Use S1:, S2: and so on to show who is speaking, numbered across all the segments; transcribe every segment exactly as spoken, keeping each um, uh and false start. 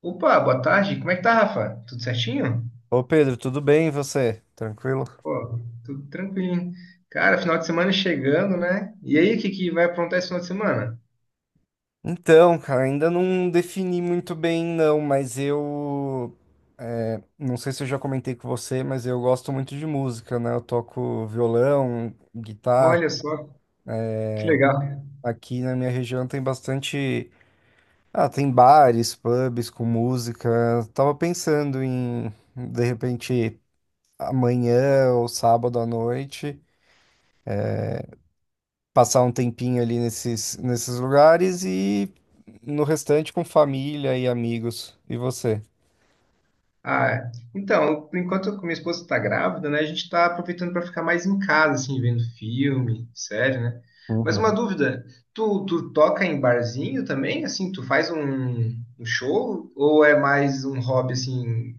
S1: Opa, boa tarde. Como é que tá, Rafa? Tudo certinho?
S2: Ô Pedro, tudo bem e você? Tranquilo?
S1: Pô, tudo tranquilinho. Cara, final de semana chegando, né? E aí, o que que vai aprontar esse final de semana?
S2: Então, cara, ainda não defini muito bem, não, mas eu. É, não sei se eu já comentei com você, mas eu gosto muito de música, né? Eu toco violão, guitarra.
S1: Olha só, que legal.
S2: Aqui na minha região tem bastante. Ah, tem bares, pubs com música. Eu tava pensando em, de repente, amanhã ou sábado à noite. Passar um tempinho ali nesses, nesses lugares e no restante com família e amigos. E você?
S1: Ah, então, por enquanto minha esposa tá grávida, né? A gente tá aproveitando para ficar mais em casa, assim, vendo filme, série, né? Mas uma
S2: Uhum.
S1: dúvida, tu, tu toca em barzinho também? Assim, tu faz um, um show? Ou é mais um hobby, assim,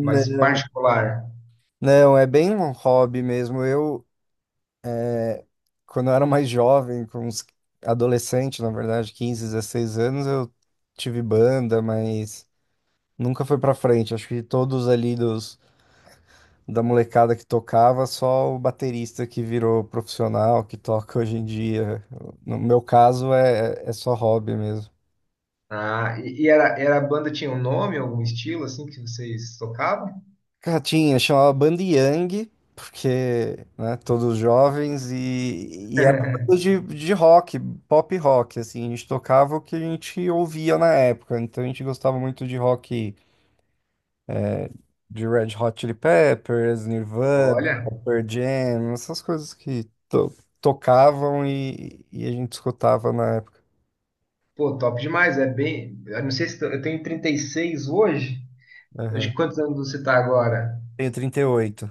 S1: mais particular?
S2: Não, é bem um hobby mesmo. Eu, é, quando eu era mais jovem, com uns adolescente, na verdade, quinze dezesseis anos, eu tive banda, mas nunca foi pra frente. Acho que todos ali dos da molecada que tocava, só o baterista que virou profissional, que toca hoje em dia. No meu caso, é, é só hobby mesmo.
S1: Ah, e, e era, era a banda tinha um nome, algum estilo assim que vocês tocavam?
S2: Cara, tinha, chamava Banda Yang, porque, né, todos jovens, e, e era banda de, de rock, pop rock, assim, a gente tocava o que a gente ouvia na época, então a gente gostava muito de rock, é, de Red Hot Chili Peppers, Nirvana,
S1: Olha,
S2: Pearl Jam, essas coisas que to- tocavam e, e a gente escutava na época.
S1: pô, top demais. É bem. Eu não sei se t- eu tenho trinta e seis hoje. Acho que
S2: Aham.
S1: quantos anos você tá agora?
S2: Tenho trinta e oito.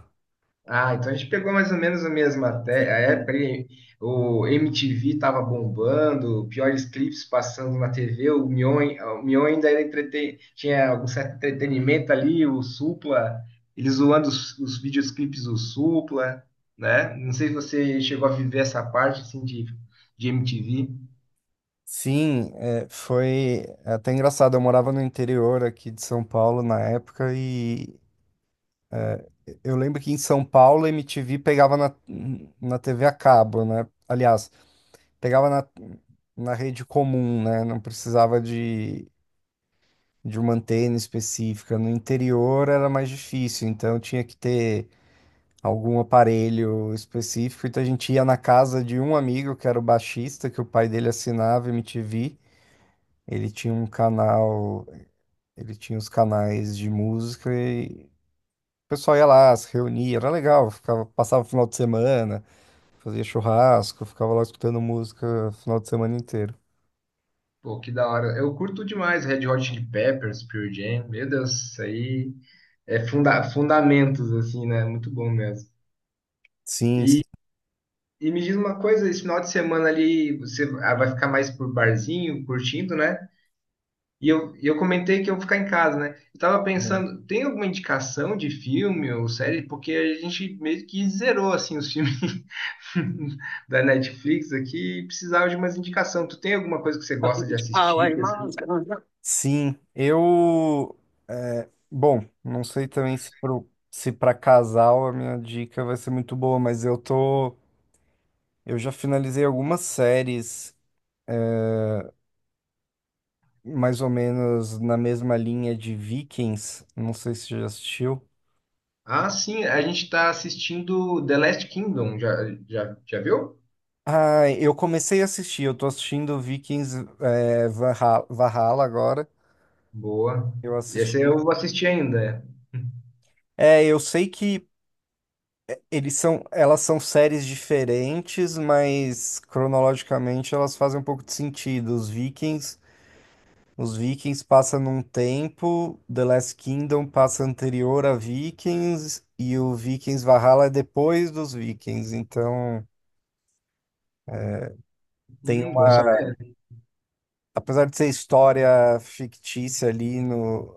S1: Ah, então a gente pegou mais ou menos a mesma até a época ali. O M T V estava bombando, piores clipes passando na T V. O Mion, o Mion ainda era entreten... tinha algum certo entretenimento ali. O Supla, eles zoando os, os videoclipes do Supla, né? Não sei se você chegou a viver essa parte assim de, de M T V.
S2: Sim, é, foi até engraçado. Eu morava no interior aqui de São Paulo na época e eu lembro que em São Paulo a M T V pegava na, na T V a cabo, né? Aliás, pegava na, na rede comum, né? Não precisava de, de uma antena específica. No interior era mais difícil, então tinha que ter algum aparelho específico. Então a gente ia na casa de um amigo que era o baixista, que o pai dele assinava M T V. Ele tinha um canal. Ele tinha os canais de música e o pessoal ia lá, se reunia, era legal, ficava, passava o final de semana, fazia churrasco, ficava lá escutando música o final de semana inteiro.
S1: Pô, que da hora. Eu curto demais Red Hot Chili Peppers, Pearl Jam. Meu Deus, isso aí é funda fundamentos, assim, né? Muito bom mesmo.
S2: Sim, sim.
S1: E me diz uma coisa, esse final de semana ali você ah, vai ficar mais por barzinho, curtindo, né? E eu, e eu comentei que eu vou ficar em casa, né? Eu tava
S2: Uhum.
S1: pensando, tem alguma indicação de filme ou série? Porque a gente meio que zerou, assim, os filmes da Netflix aqui e precisava de umas indicação. Tu tem alguma coisa que você gosta de
S2: How
S1: assistir, assim?
S2: sim, eu. É, bom, não sei também se pro, se para casal a minha dica vai ser muito boa, mas eu tô. Eu já finalizei algumas séries mais ou menos na mesma linha de Vikings, não sei se você já assistiu.
S1: Ah, sim, a gente tá assistindo The Last Kingdom, já, já, já viu?
S2: Ah, eu comecei a assistir, eu tô assistindo Vikings é, Valha- Valhalla agora.
S1: Boa.
S2: Eu assisti.
S1: Esse eu
S2: O-
S1: vou assistir ainda.
S2: É, eu sei que eles são, elas são séries diferentes, mas cronologicamente elas fazem um pouco de sentido. Os Vikings, os Vikings passa num tempo, The Last Kingdom passa anterior a Vikings e o Vikings Valhalla é depois dos Vikings. Então tem
S1: Hum, bom saber.
S2: uma, apesar de ser história fictícia ali no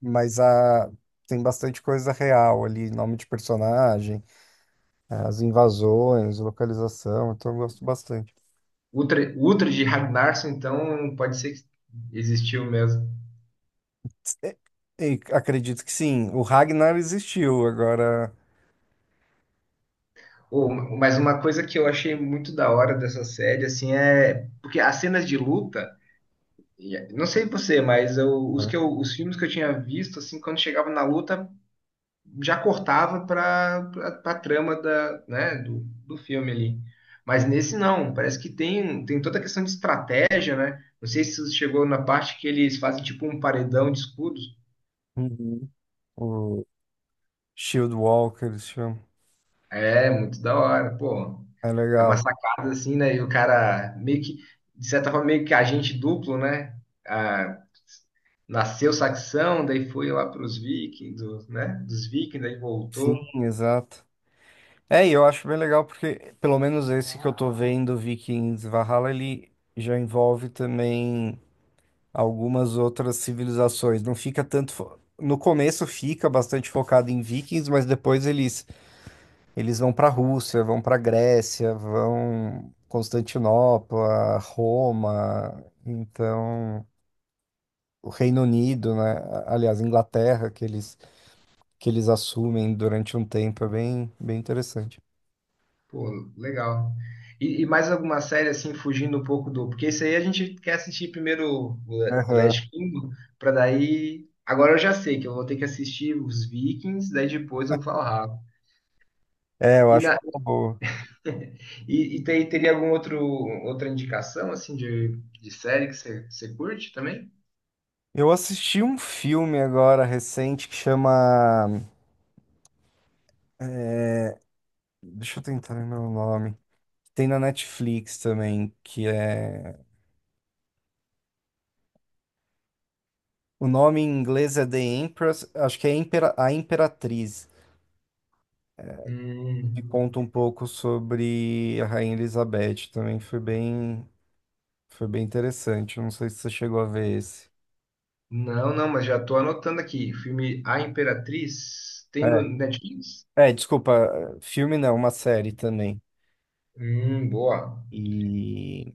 S2: mas a, tem bastante coisa real ali, nome de personagem, as invasões, localização, então eu gosto bastante.
S1: Ultra, Ultra de Ragnarsson, então pode ser que existiu mesmo.
S2: E, e acredito que sim, o Ragnar existiu, agora...
S1: Oh, mas uma coisa que eu achei muito da hora dessa série, assim, é porque as cenas de luta, e- não sei você, mas eu- os que eu- os filmes que eu tinha visto, assim, quando chegava na luta, já cortava para a trama da, né, do, do filme ali. Mas nesse não, parece que tem, tem toda a questão de estratégia, né? Não sei se chegou na parte que eles fazem tipo um paredão de escudos.
S2: Uhum. O Shield Walker, esse filme.
S1: É, muito da hora, pô.
S2: É
S1: É uma
S2: legal.
S1: sacada assim, né? E o cara meio que, de certa forma, meio que agente duplo, né? Ah, nasceu saxão, daí foi lá para os vikings, né? Dos vikings, daí
S2: Sim,
S1: voltou.
S2: exato. É, e eu acho bem legal porque, pelo menos esse que eu tô vendo, Vikings Valhalla, ele já envolve também. Algumas outras civilizações. Não fica tanto. fo- No começo fica bastante focado em vikings, mas depois eles, eles vão para a Rússia, vão para a Grécia, vão Constantinopla, Roma, então o Reino Unido, né? A- Aliás, Inglaterra, que eles, que eles assumem durante um tempo, é bem, bem interessante.
S1: Pô, legal. E, e mais alguma série assim, fugindo um pouco do. Porque isso aí a gente quer assistir primeiro o The
S2: Aham.
S1: Last Kingdom, para daí. Agora eu já sei que eu vou ter que assistir os Vikings, daí depois eu vou falar.
S2: É, eu
S1: E
S2: acho que
S1: na,
S2: é uma boa.
S1: E, e tem- teria algum outro outra indicação assim de, de série que você você curte também?
S2: Eu assisti um filme agora recente que chama. Deixa eu tentar lembrar o nome. Tem na Netflix também, que é. O nome em inglês é The Empress, acho que é Impera- A Imperatriz,
S1: Hum,
S2: que conta um pouco sobre a Rainha Elizabeth. Também foi bem, foi bem interessante. Eu não sei se você chegou a ver esse.
S1: não, não, mas já tô anotando aqui. Filme A Imperatriz tem no
S2: É,
S1: Netflix?
S2: é, desculpa, filme não, uma série também.
S1: Hum, boa.
S2: E,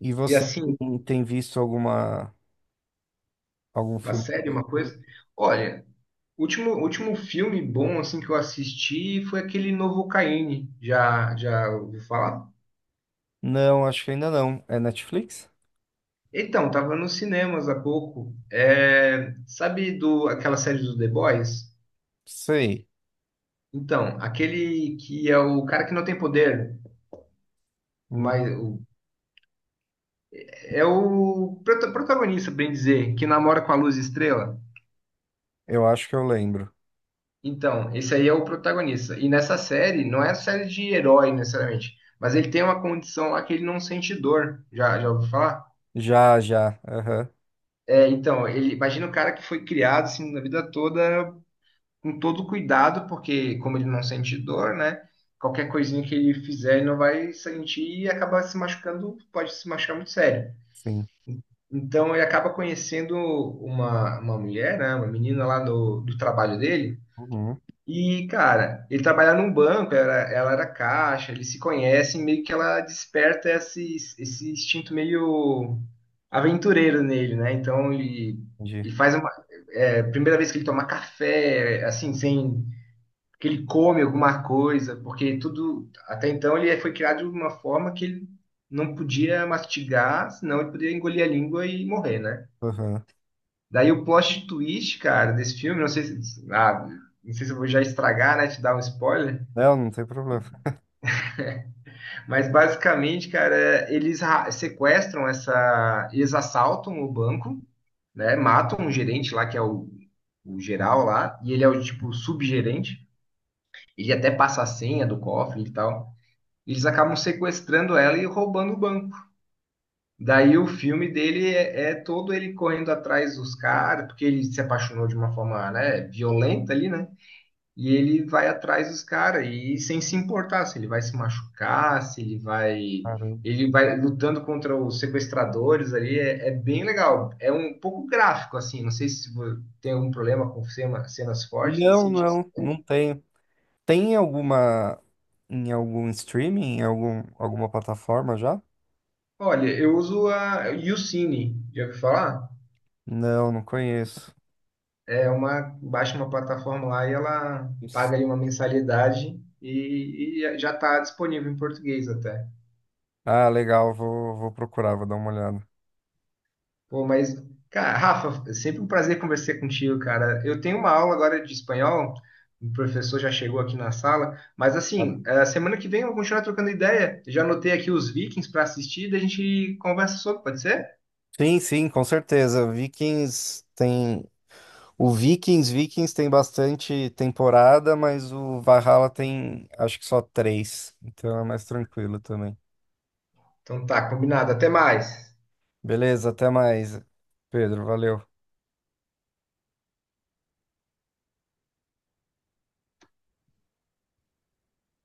S2: e
S1: E
S2: você
S1: assim,
S2: tem tem visto alguma, algum
S1: uma
S2: filme?
S1: série, uma coisa. Olha, último último filme bom assim que eu assisti foi aquele novo Caine. Já já ouviu falar?
S2: Não, acho que ainda não. É Netflix?
S1: Então, tava nos cinemas há pouco. É, sabe do aquela série do The Boys?
S2: Sei.
S1: Então, aquele que é o cara que não tem poder,
S2: Hum,
S1: mas o- é o prota- protagonista, bem dizer, que namora com a Luz Estrela.
S2: Eu acho que eu lembro.
S1: Então, esse aí é o protagonista. E nessa série, não é série de herói necessariamente, mas ele tem uma condição lá que ele não sente dor. Já, já ouviu falar?
S2: Já, já. Aham.
S1: É, então, ele imagina o cara que foi criado assim na vida toda com todo cuidado, porque como ele não sente dor, né? Qualquer coisinha que ele fizer, ele não vai sentir e acaba se machucando, pode se machucar muito sério.
S2: Sim.
S1: Então ele acaba conhecendo uma, uma mulher, né, uma menina lá do do trabalho dele.
S2: Uhum,
S1: E, cara, ele trabalha num banco, era- ela era caixa, eles se conhecem, meio que ela desperta esse, esse instinto meio aventureiro nele, né? Então ele,
S2: entendi.
S1: ele faz uma. É, primeira vez que ele toma café, assim, sem. Que ele come alguma coisa, porque tudo. Até então ele foi criado de uma forma que ele não podia mastigar, senão ele poderia engolir a língua e morrer, né?
S2: Aham.
S1: Daí o plot twist, cara, desse filme, não sei se, ah, não sei se eu vou já estragar, né, te dar um spoiler,
S2: Não, não tem problema.
S1: mas basicamente, cara, é, eles ra- sequestram essa, eles assaltam o banco, né, matam um gerente lá que é o, o geral lá, e ele é o tipo subgerente, ele até passa a senha do cofre e tal. Eles acabam sequestrando ela e roubando o banco. Daí o filme dele é, é todo ele correndo atrás dos caras, porque ele se apaixonou de uma forma, né, violenta ali, né? E ele vai atrás dos caras e sem se importar se ele vai se machucar, se ele vai.
S2: Caramba.
S1: Ele vai lutando contra os sequestradores ali, é, é bem legal. É um pouco gráfico, assim, não sei se vo- tem algum problema com cena- cenas fortes,
S2: Não,
S1: assim. De-
S2: não, não tenho. Tem alguma em algum streaming, em algum, alguma plataforma já?
S1: Olha, eu uso a YouCine, já ouviu falar?
S2: Não, não conheço.
S1: É uma, baixa uma plataforma lá e ela
S2: Isso.
S1: paga ali uma mensalidade e, e já está disponível em português até.
S2: Ah, legal, vou, vou procurar, vou dar uma olhada.
S1: Pô, mas, cara, Rafa, é sempre um prazer conversar contigo, cara. Eu tenho uma aula agora de espanhol, o professor já chegou aqui na sala, mas
S2: Cara.
S1: assim, a semana que vem eu vou continuar trocando ideia. Já anotei aqui os Vikings para assistir, daí a gente conversa sobre, pode ser?
S2: Sim, sim, com certeza. Vikings tem. O Vikings, Vikings tem bastante temporada, mas o Valhalla tem acho que só três. Então é mais tranquilo também.
S1: Então tá, combinado. Até mais.
S2: Beleza, até mais, Pedro. Valeu.